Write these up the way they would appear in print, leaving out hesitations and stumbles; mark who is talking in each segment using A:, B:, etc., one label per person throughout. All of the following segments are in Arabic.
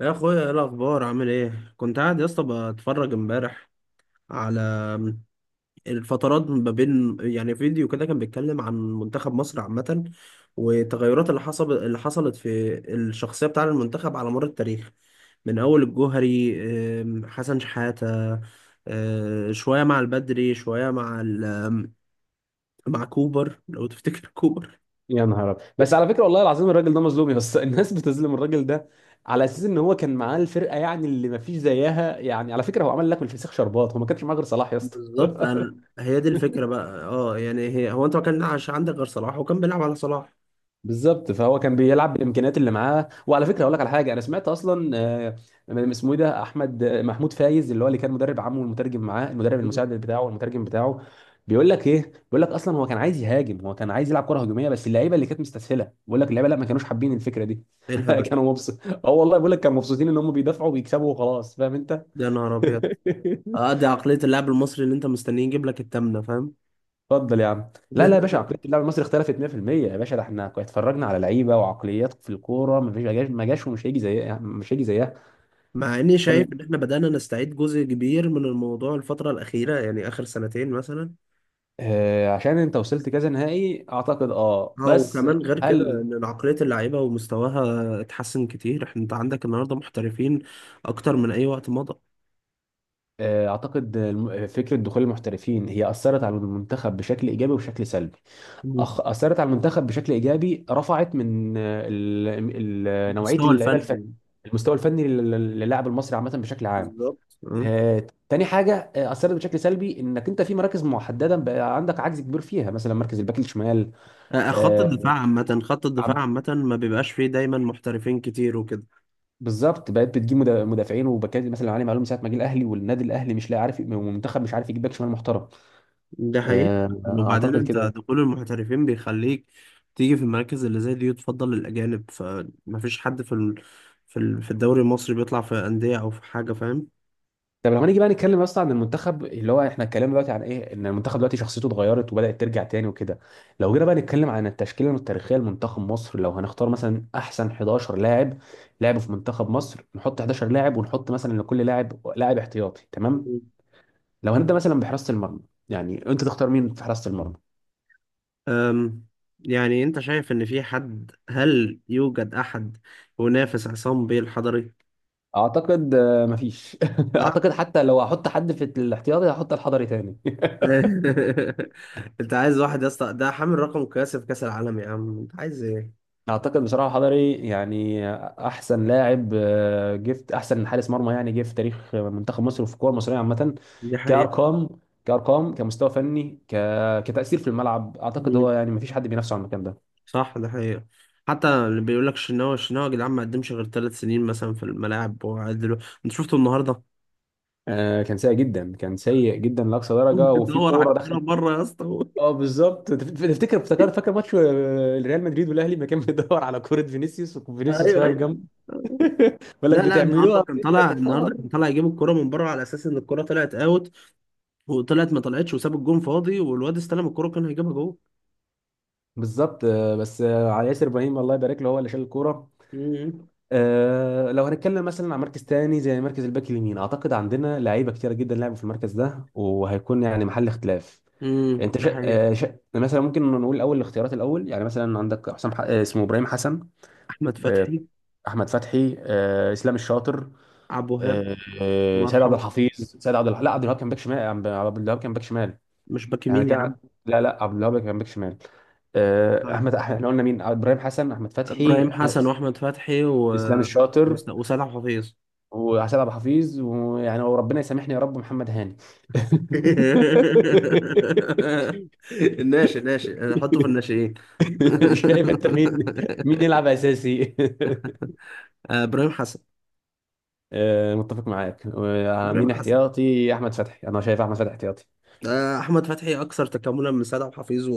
A: يا اخويا ايه الاخبار عامل ايه كنت قاعد يا اسطى. بتفرج امبارح على الفترات ما بين فيديو كده كان بيتكلم عن منتخب مصر عامة، والتغيرات اللي حصلت في الشخصية بتاع المنتخب على مر التاريخ من اول الجوهري، حسن شحاتة، شوية مع البدري شوية مع كوبر لو تفتكر كوبر.
B: يا نهار أبيض. بس على فكره، والله العظيم الراجل ده مظلوم يا اسطى. الناس بتظلم الراجل ده على اساس ان هو كان معاه الفرقه، يعني اللي ما فيش زيها. يعني على فكره، هو عمل لك من الفسيخ شربات. هو ما كانش معاه غير صلاح يا اسطى.
A: بالظبط، هي دي الفكرة بقى، اه يعني هي هو انت ما كانش عندك غير صلاح وكان بيلعب على صلاح.
B: بالظبط، فهو كان بيلعب بالامكانيات اللي معاه. وعلى فكره اقول لك على حاجه، انا سمعت اصلا من- اسمه ايه ده، احمد محمود فايز اللي هو اللي كان مدرب عمه، والمترجم معاه، المدرب المساعد بتاعه والمترجم بتاعه. بيقول لك ايه، بيقول لك اصلا هو كان عايز يهاجم، هو كان عايز يلعب كره هجوميه، بس اللعيبه اللي كانت مستسهله بيقول لك اللعيبه لا، ما كانوش حابين الفكره دي.
A: ايه الهبل
B: كانوا مبسوط. اه، والله بيقول لك كانوا مبسوطين ان هم بيدافعوا وبيكسبوا وخلاص، فاهم انت؟
A: ده؟ يا نهار ابيض. اه، دي عقلية اللاعب المصري اللي انت مستنيه يجيب لك التامنة، فاهم؟
B: اتفضل يا عم. لا لا يا باشا، عقليه اللاعب المصري اختلفت 100% يا باشا. ده احنا كنا اتفرجنا على لعيبه وعقليات في الكوره ما فيش، ما جاش ما جاش ومش هيجي زيها، مش هيجي زيها.
A: مع اني
B: تتكلم.
A: شايف ان احنا بدأنا نستعيد جزء كبير من الموضوع الفترة الأخيرة، يعني آخر سنتين مثلا.
B: آه، عشان انت وصلت كذا نهائي اعتقد، اه
A: اه،
B: بس.
A: وكمان غير كده
B: هل؟
A: ان عقلية اللعيبة ومستواها اتحسن كتير. احنا انت عندك النهاردة محترفين اكتر من اي وقت مضى.
B: آه اعتقد فكره دخول المحترفين هي اثرت على المنتخب بشكل ايجابي وبشكل سلبي.
A: مم.
B: أخ، اثرت على المنتخب بشكل ايجابي، رفعت من نوعيه
A: المستوى
B: اللعيبه
A: الفني.
B: الفنيه. المستوى الفني للاعب المصري عامه، بشكل عام.
A: بالظبط اه.
B: تاني حاجة، أثرت بشكل سلبي إنك أنت في مراكز محددة بقى عندك عجز كبير فيها، مثلا مركز الباك الشمال.
A: خط الدفاع
B: آه،
A: عامة،
B: عم-
A: ما بيبقاش فيه دايما محترفين كتير وكده.
B: بالظبط، بقيت بتجيب مدافعين وباكات، مثلا علي معلوم من ساعة ما جه الأهلي، والنادي الأهلي مش لاقي، عارف، والمنتخب مش عارف يجيب باك شمال محترم.
A: ده حقيقي.
B: آه،
A: وبعدين
B: أعتقد
A: انت
B: كده.
A: دخول المحترفين بيخليك تيجي في المراكز اللي زي دي وتفضل الأجانب، فمفيش حد في الدوري المصري بيطلع في أندية أو في حاجة، فاهم؟
B: طب لو هنيجي بقى نتكلم اصلا عن المنتخب، اللي هو احنا اتكلمنا دلوقتي عن ايه، ان المنتخب دلوقتي شخصيته اتغيرت وبدأت ترجع تاني وكده. لو جينا بقى نتكلم عن التشكيله التاريخيه لمنتخب مصر، لو هنختار مثلا احسن 11 لاعب لعبوا في منتخب مصر، نحط 11 لاعب ونحط مثلا لكل لاعب لاعب احتياطي، تمام؟ لو هنبدأ مثلا بحراسه المرمى، يعني انت تختار مين في حراسه المرمى؟
A: أم... يعني انت شايف ان في حد، هل يوجد احد ينافس عصام بيه الحضري؟
B: اعتقد مفيش.
A: صح؟
B: اعتقد حتى لو هحط حد في الاحتياطي هحط الحضري تاني.
A: انت عايز واحد يا اسطى؟ ده حامل رقم قياسي في كأس العالم، يا عم انت عايز ايه؟
B: اعتقد بصراحه حضري يعني احسن لاعب، احسن حارس مرمى يعني جه في تاريخ منتخب مصر، وفي الكوره المصريه عامه.
A: دي حقيقة.
B: كارقام، كارقام، كمستوى فني، كتاثير في الملعب، اعتقد هو يعني ما فيش حد بينافسه على المكان ده.
A: صح، ده حقيقة. حتى اللي بيقول لك الشناوي الشناوي، يا جدعان ما قدمش غير ثلاث سنين مثلا في الملاعب، انت شفته النهارده.
B: آه، كان سيء جدا، كان سيء جدا لاقصى درجه، وفي
A: بيدور على
B: كوره
A: الكوره
B: دخلت.
A: بره يا اسطى هو.
B: اه بالظبط، تفتكر، افتكر، فاكر ماتش ريال مدريد والاهلي ما كان بيدور على كوره؟ فينيسيوس، وفينيسيوس
A: ايوه
B: واقف
A: ايوه.
B: جنبه. بيقول لك
A: لا لا، النهارده
B: بتعملوها
A: كان
B: فين يا
A: طالع،
B: كفار؟
A: النهارده كان طالع يجيب الكوره من بره على اساس ان الكوره طلعت اوت، وطلعت ما طلعتش، وساب الجون فاضي، والواد استلم الكوره كان هيجيبها جوه.
B: بالظبط. آه بس، على ياسر ابراهيم الله يبارك له، هو اللي شال الكوره.
A: امم.
B: أه لو هنتكلم مثلا عن مركز تاني زي مركز الباك اليمين، اعتقد عندنا لعيبه كتيره جدا لعبوا في المركز ده، وهيكون يعني محل اختلاف. انت
A: امم، ده
B: شا...
A: حقيقة.
B: أه شا... مثلا ممكن نقول الاول، الاختيارات الاول، يعني مثلا عندك اسمه ابراهيم حسن،
A: احمد
B: أه،
A: فتحي.
B: احمد فتحي، أه، اسلام الشاطر،
A: عبد الوهاب.
B: أه،
A: الله
B: سيد عبد
A: يرحمه.
B: الحفيظ. لا، عبد الوهاب كان باك شمال. عبد الوهاب كان باك شمال.
A: مش باك
B: يعني
A: يمين يا
B: كان،
A: عم؟
B: لا لا، عبد الوهاب كان باك شمال. آه،
A: طيب.
B: احمد، احنا قلنا مين؟ ابراهيم حسن، احمد فتحي،
A: ابراهيم
B: احمد،
A: حسن واحمد فتحي
B: اسلام الشاطر،
A: وسيد عبد الحفيظ.
B: وحسام ابو حفيظ، ويعني وربنا يسامحني يا رب، محمد هاني.
A: الناشئ ناشئ، انا احطه في الناشئين.
B: شايف انت مين، مين يلعب اساسي؟
A: آه، ابراهيم حسن.
B: آه، متفق معاك.
A: ابراهيم
B: مين
A: حسن.
B: احتياطي؟ احمد فتحي، انا شايف احمد فتحي احتياطي.
A: آه، احمد فتحي اكثر تكاملا من سيد عبد الحفيظ،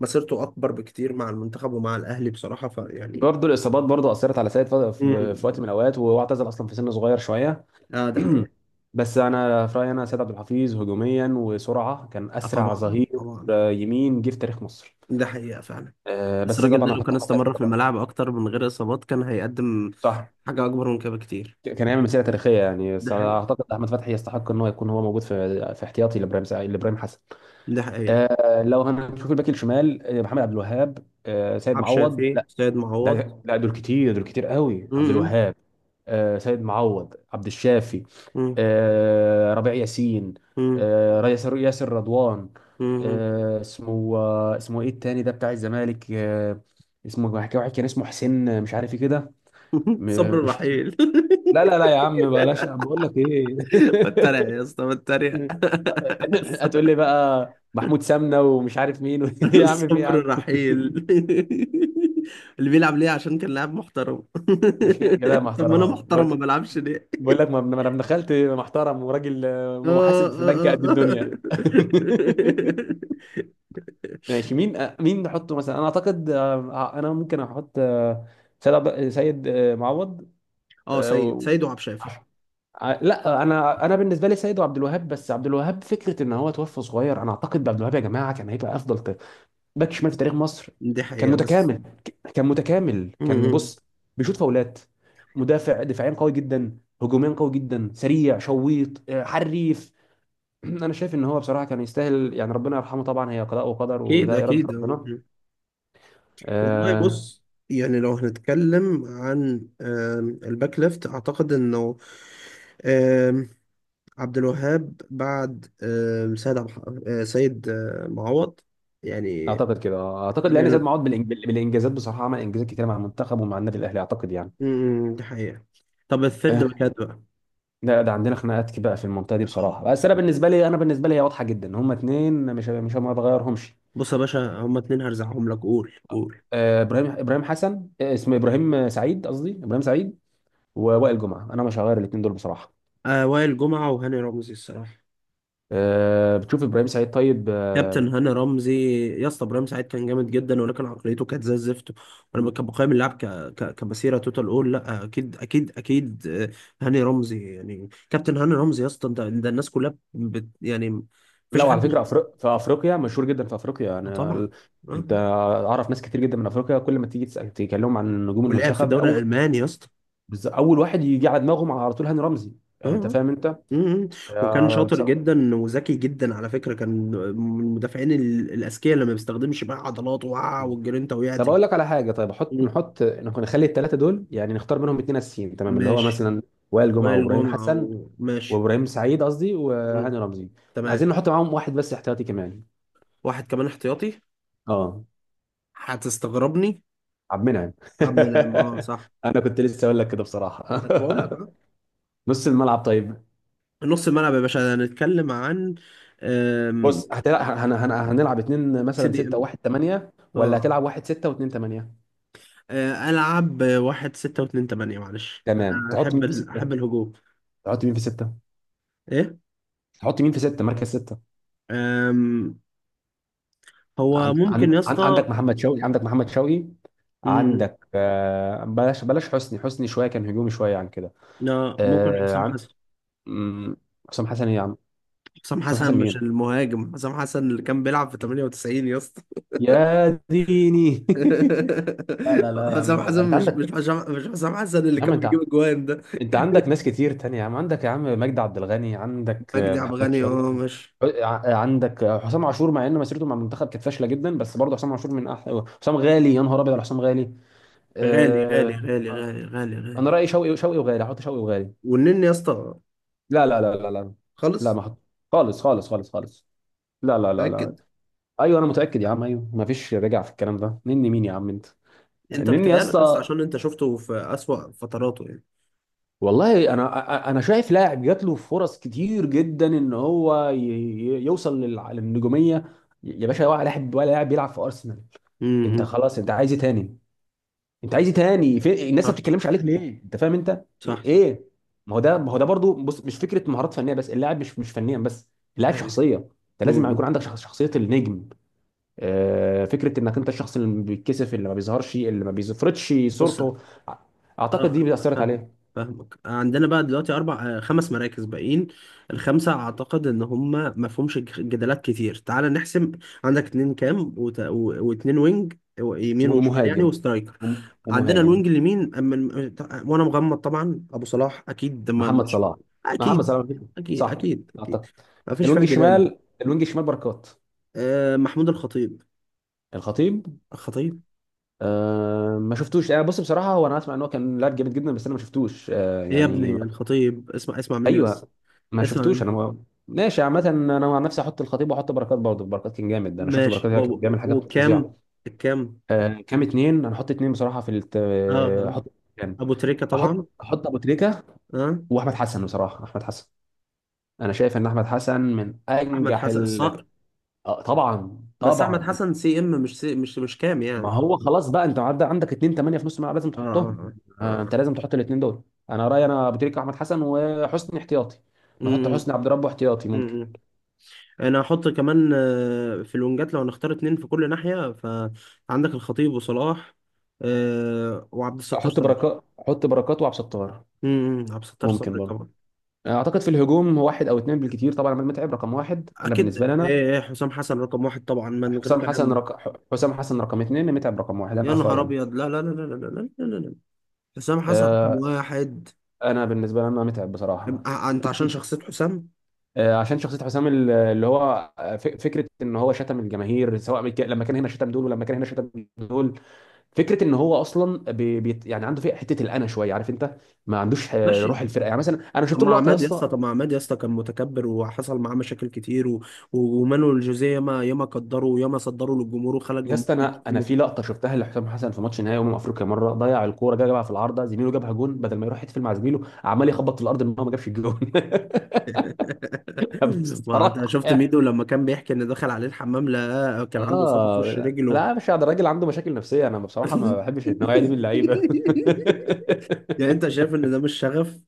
A: ومسيرته اكبر بكتير مع المنتخب ومع الاهلي بصراحه، فيعني.
B: برضه الاصابات برضه اثرت على سيد في وقت من
A: مم.
B: الاوقات، وهو اعتزل اصلا في سن صغير شويه.
A: اه ده حقيقه.
B: بس انا في رايي انا، سيد عبد الحفيظ هجوميا وسرعه كان
A: آه
B: اسرع
A: طبعا
B: ظهير
A: طبعا.
B: يمين جه في تاريخ مصر.
A: ده حقيقه فعلا.
B: آه
A: بس
B: بس
A: الراجل ده
B: طبعا
A: لو
B: هحط
A: كان
B: احمد فتحي
A: استمر في
B: طبعا.
A: الملاعب اكتر من غير اصابات كان هيقدم
B: صح،
A: حاجه اكبر من كده بكتير.
B: كان يعمل مسيره تاريخيه يعني،
A: ده
B: بس
A: حقيقه،
B: اعتقد احمد فتحي يستحق ان هو يكون هو موجود في في احتياطي لابراهيم حسن.
A: ده حقيقه.
B: آه، لو هنشوف الباك الشمال، محمد عبد الوهاب، آه سيد
A: عبد
B: معوض،
A: الشافي،
B: لا،
A: سيد معوض.
B: ده لا، دول كتير، دول كتير قوي. عبد الوهاب، آه سيد معوض، عبد الشافي، آه ربيع ياسين،
A: امم.
B: آه ياسر، ياسر رضوان،
A: مم.
B: آه اسمه، آه اسمه ايه التاني ده بتاع الزمالك؟ آه، اسمه واحد كان، اسمه حسين مش عارف ايه كده.
A: صبر
B: م- مش
A: الرحيل.
B: لا لا لا يا عم، بلاش، بقول لك ايه.
A: بتريق يا اسطى، بتريق.
B: هتقول لي بقى محمود سمنه ومش عارف مين و... يا عم في إيه يا
A: صبر
B: عم؟
A: الرحيل. اللي بيلعب ليه عشان كان لاعب محترم.
B: مش كده كده
A: طب ما انا
B: محترم
A: محترم، ما
B: بقول؟
A: بلعبش ليه؟
B: بقول لك، ما انا دخلت محترم وراجل،
A: اه
B: محاسب في بنك
A: اه
B: قد الدنيا.
A: اه.
B: ماشي، مين مين نحطه مثلا؟ انا اعتقد، انا ممكن احط سيد معوض.
A: اه، آه،
B: آه،
A: سيد
B: و-
A: سيد وعبد الشافي.
B: لا انا، انا بالنسبه لي سيد عبد الوهاب. بس عبد الوهاب فكره ان هو توفى صغير، انا اعتقد عبد الوهاب يا جماعه كان هيبقى افضل باك شمال في تاريخ مصر.
A: دي
B: كان
A: حقيقة بس.
B: متكامل، كان متكامل، كان
A: مم.
B: بص، بيشوط فاولات، مدافع دفاعيا قوي جدا، هجوميا قوي جدا، سريع، شويط، حريف. انا شايف ان هو بصراحه كان يستاهل يعني، ربنا يرحمه طبعا، هي قضاء وقدر
A: اكيد
B: وده اراده
A: اكيد.
B: ربنا.
A: مم. والله
B: آه،
A: بص، يعني لو هنتكلم عن الباك ليفت، اعتقد انه عبد الوهاب بعد آم، سيد عبد الح- آه، سيد آه، معوض يعني.
B: اعتقد كده، اعتقد لان زياد
A: قال
B: معوض بالانجازات بصراحه عمل انجازات كتير مع المنتخب ومع النادي الاهلي، اعتقد يعني.
A: إن- م- م، دي حقيقة. طب الثيرد باكات بقى.
B: لا، ده عندنا خناقات بقى في المنطقه دي
A: آه.
B: بصراحه. بس انا بالنسبه لي، انا بالنسبه لي هي واضحه جدا. هما اتنين مش مش، ما بغيرهمش.
A: بص يا باشا، هما اتنين هرزعهم لك، قول قول.
B: ابراهيم حسن، آه، اسمه ابراهيم سعيد قصدي ابراهيم سعيد، ووائل جمعه. انا مش هغير الاتنين دول بصراحه.
A: آه، وائل جمعة وهاني رمزي الصراحة.
B: آه، بتشوف ابراهيم سعيد طيب، آه.
A: كابتن هاني رمزي. يا اسطى ابراهيم سعيد كان جامد جدا، ولكن عقليته كانت زي الزفت. بقيم اللعب كمسيره توتال اول. لا اكيد اكيد اكيد. آه، هاني رمزي يعني، كابتن هاني رمزي يا اسطى، ده الناس كلها يعني مفيش
B: لا، وعلى
A: حد.
B: فكره، أفريق، في افريقيا مشهور جدا، في افريقيا
A: آه
B: انا
A: طبعا. آه.
B: انت
A: آه.
B: اعرف ناس كتير جدا من افريقيا، كل ما تيجي تكلمهم عن نجوم
A: ولعب في
B: المنتخب،
A: الدوري
B: اول
A: الألماني يا اسطى.
B: اول واحد يجي على دماغهم على طول هاني رمزي.
A: آه.
B: يعني انت
A: آه.
B: فاهم انت.
A: مم. وكان
B: آه،
A: شاطر
B: بصراحه.
A: جدا وذكي جدا على فكرة، كان من المدافعين الأذكياء اللي ما بيستخدمش بقى عضلاته، وقع، والجرينتا وقعت
B: طب اقول
A: الكلام.
B: لك على حاجه، طيب احط،
A: مم.
B: نحط، نكون نخلي الثلاثه دول يعني نختار منهم اتنين اساسيين تمام، اللي هو
A: ماشي.
B: مثلا وائل جمعه
A: وائل
B: وابراهيم
A: جمعة،
B: حسن،
A: وماشي.
B: وابراهيم سعيد قصدي
A: مم.
B: وهاني رمزي. عايزين
A: تمام.
B: نحط معاهم واحد بس احتياطي كمان.
A: واحد كمان احتياطي.
B: اه،
A: هتستغربني.
B: عبد المنعم.
A: عم، نعم، اه صح.
B: انا كنت لسه اقول لك كده بصراحه.
A: ده انا بقول لك اهو.
B: نص الملعب طيب.
A: نص الملعب يا باشا هنتكلم عن.
B: بص هتلعب، هنلعب اتنين
A: سي
B: مثلا،
A: دي ام.
B: ستة وواحد تمانية، ولا
A: اه.
B: هتلعب واحد ستة واتنين تمانية؟
A: آه، ألعب واحد ستة واتنين تمانية، معلش
B: تمام.
A: أنا
B: تحط مين في
A: أحب
B: ستة؟
A: الهجوم.
B: تحط مين في ستة؟
A: إيه؟
B: مركز ستة.
A: أم... هو
B: عن
A: ممكن
B: عن
A: يا
B: عن عندك
A: اسطى.
B: محمد شوقي، عندك محمد شوقي،
A: م-
B: عندك بلاش بلاش حسني، حسني شويه كان هجومي شويه عن كده.
A: لا، ممكن
B: آه،
A: حسام
B: عن
A: حسن.
B: مم، حسام حسن ايه يا عم؟
A: حسام
B: حسام
A: حسن
B: حسن
A: مش
B: مين؟
A: المهاجم، حسام حسن اللي كان بيلعب في 98 يا اسطى.
B: يا ديني. لا لا لا يا عم،
A: حسام
B: انت لا،
A: حسن،
B: انت عندك،
A: مش حسام حسن اللي
B: يا عم
A: كان
B: انت،
A: بيجيب اجوان ده.
B: انت عندك ناس كتير تانية يا عم. عندك يا عم مجدي عبد الغني، عندك
A: مجدي عبد
B: محمد
A: الغني اه
B: شوقي،
A: مش.
B: عندك حسام عاشور، مع ان مسيرته مع المنتخب كانت فاشله جدا، بس برضه حسام عاشور من احلى، حسام غالي، يا نهار ابيض على حسام غالي.
A: غالي غالي
B: آه،
A: غالي غالي غالي
B: انا
A: غالي.
B: رايي شوقي، شوقي وغالي، احط شوقي وغالي.
A: والنني يا اسطى.
B: لا لا لا لا لا لا،
A: خالص.
B: ما احط خالص خالص خالص خالص، لا لا لا
A: متأكد.
B: لا. ايوه انا متاكد يا عم، ايوه، ما فيش رجع في الكلام ده. نني مين يا عم انت؟
A: انت
B: نني يا
A: بتهيألك اصلا
B: اسطى؟
A: عشان انت شفته في أسوأ فتراته يعني.
B: والله انا، انا شايف لاعب جات له فرص كتير جدا ان هو يوصل للنجوميه، يا باشا. ولا لاعب، ولا لاعب بيلعب في ارسنال. انت
A: امم.
B: خلاص، انت عايز إيه تاني؟ انت عايز ايه تاني في الناس ما
A: صح
B: بتتكلمش عليك ليه؟ انت فاهم انت
A: صح صح.
B: ايه؟ ما هو ده، ما هو ده برضو، بص مش فكره مهارات فنيه بس، اللاعب مش مش فنيا بس، اللاعب
A: ايوه.
B: شخصيه. انت لازم يكون
A: امم.
B: عندك شخصيه النجم. آه، فكره انك انت الشخص اللي بيتكسف، اللي ما بيظهرش، اللي ما بيفرضش
A: بص.
B: صورته. أع- اعتقد
A: اه.
B: دي اثرت
A: فاهم.
B: عليه.
A: فاهمك. عندنا بقى دلوقتي اربع آه، خمس مراكز باقيين. الخمسه اعتقد ان هم ما فيهمش جدالات كتير، تعال نحسم. عندك اتنين كام، واتنين وينج، يمين وشمال يعني،
B: ومهاجم،
A: وسترايكر. عندنا
B: ومهاجم.
A: الوينج اليمين وانا مغمض طبعا، ابو صلاح اكيد، ما
B: محمد
A: مش.
B: صلاح، محمد
A: اكيد
B: صلاح.
A: اكيد
B: صح،
A: اكيد اكيد،
B: اعتقد
A: ما فيش
B: الوينج
A: فيها جدال.
B: الشمال، الوينج الشمال بركات.
A: آه، محمود الخطيب.
B: الخطيب.
A: الخطيب.
B: أه ما شفتوش، أه بص بصراحه، هو انا اسمع ان هو كان لاعب جامد جدا، بس انا ما شفتوش أه،
A: ايه يا
B: يعني
A: ابني
B: ما-.
A: الخطيب، اسمع اسمع مني بس.
B: ايوه، ما
A: اسمع
B: شفتوش. انا
A: مني.
B: ما... ماشي عامه، انا عن نفسي احط الخطيب واحط بركات برضه، بركات كان جامد. انا شفت
A: ماشي.
B: بركات كان بيعمل حاجات
A: وكام؟
B: فظيعه.
A: الكام.
B: أه كام. اتنين انا احط، اتنين بصراحه في
A: اه اه.
B: احط كام،
A: ابو تريكة
B: احط،
A: طبعا.
B: احط ابو تريكه
A: اه.
B: واحمد حسن بصراحه. احمد حسن، انا شايف ان احمد حسن من
A: احمد
B: انجح
A: حسن
B: ال...
A: الصقر.
B: آه، طبعا
A: بس احمد
B: طبعا.
A: حسن سي ام، مش سي مش مش كام
B: ما
A: يعني.
B: هو خلاص بقى، انت عدى عندك 2 8 في نص الملعب، لازم
A: اه
B: تحطهم.
A: اه اه
B: آه،
A: اه.
B: انت لازم تحط الاثنين دول. انا رايي انا، بتريكة، احمد حسن، وحسني احتياطي. نحط
A: امم.
B: حسني عبد ربه احتياطي ممكن.
A: امم. انا هحط كمان آه، في الونجات لو هنختار اتنين في كل ناحية، فعندك الخطيب وصلاح، آه، وعبد الستار
B: احط
A: صبري.
B: بركات، احط بركات وعبد ستار.
A: امم، عبد الستار
B: ممكن
A: صبري
B: برضه.
A: طبعا.
B: آه، اعتقد في الهجوم هو واحد او اثنين بالكثير. طبعا عماد متعب رقم واحد انا بالنسبه
A: اكيد،
B: لي انا.
A: آه، حسام حسن رقم واحد طبعا من غير
B: حسام حسن
A: كلام.
B: رق... حسام حسن رقم اثنين، متعب رقم واحد
A: يا
B: انا في
A: نهار
B: رايي انا.
A: ابيض، لا لا لا لا لا لا لا لا، حسام حسن رقم
B: آه،
A: واحد.
B: انا بالنسبه لي انا، متعب بصراحه.
A: انت عشان شخصية حسام.
B: آه، عشان شخصية حسام، اللي هو فكرة ان هو شتم الجماهير، سواء لما كان هنا شتم دول، ولما كان هنا شتم دول. فكرة ان هو اصلا بي، بي يعني، عنده فيه حتة الانا شوية، عارف انت. ما عندوش روح
A: ماشي.
B: الفرقة، يعني مثلا انا
A: طب
B: شفت له
A: ما
B: لقطة يا
A: عماد يا اسطى،
B: اسطى.
A: طب ما عماد يا اسطى كان متكبر وحصل معاه مشاكل كتير ومانويل جوزيه ياما ياما قدره وياما صدره للجمهور وخلى
B: يا
A: الجمهور
B: اسطى انا، انا
A: يشتمه.
B: في لقطة شفتها لحسام حسن في ماتش نهائي افريقيا مرة، ضيع الكورة جا جابها في العارضة زميله، جابها جون، بدل ما يروح يحتفل مع زميله عمال يخبط في الارض ان هو ما جابش الجون.
A: ما انت
B: بصراحة،
A: شفت ميدو لما كان بيحكي ان دخل عليه الحمام، لا كان عنده اصابة في
B: اه
A: وش
B: لا
A: رجله.
B: لا، مش قاعد، الراجل عنده مشاكل نفسيه، انا بصراحه ما بحبش النوعيه دي من اللعيبه.
A: يعني انت شايف ان ده مش شغف؟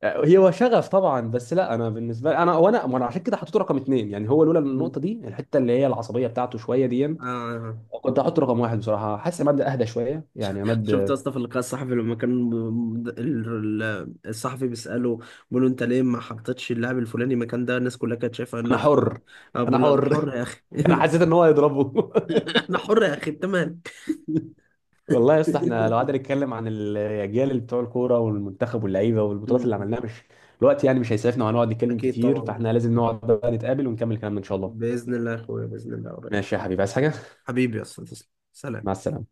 B: هي هو شغف طبعا، بس لا انا بالنسبه لي انا، وانا عشان كده حطيته رقم اتنين. يعني هو لولا
A: مم.
B: النقطه دي، الحته اللي هي العصبيه بتاعته شويه دي،
A: آه.
B: كنت هحطه رقم واحد بصراحه. حاسس عماد اهدى شويه يعني،
A: شفت يا
B: عماد.
A: اسطى في اللقاء الصحفي لما كان الصحفي بيسأله، بيقول له انت ليه ما حطيتش اللاعب الفلاني مكان ده، الناس كلها كانت شايفه
B: انا
A: انك
B: حر،
A: اه،
B: انا
A: بيقول له انا
B: حر.
A: حر يا اخي.
B: انا حسيت ان هو هيضربه.
A: انا حر يا اخي، انت مالك؟
B: والله يا اسطى احنا لو قعدنا نتكلم عن الاجيال اللي بتوع الكوره والمنتخب واللعيبه والبطولات اللي
A: أمم.
B: عملناها، مش الوقت يعني، مش هيسعفنا وهنقعد نتكلم
A: اكيد
B: كتير.
A: طبعا.
B: فاحنا لازم نقعد بقى نتقابل ونكمل كلامنا ان شاء الله.
A: باذن الله يا اخويا، باذن الله قريب.
B: ماشي يا حبيبي، عايز حاجه؟
A: حبيبي يا اسطى، تسلم،
B: مع
A: سلام.
B: السلامه.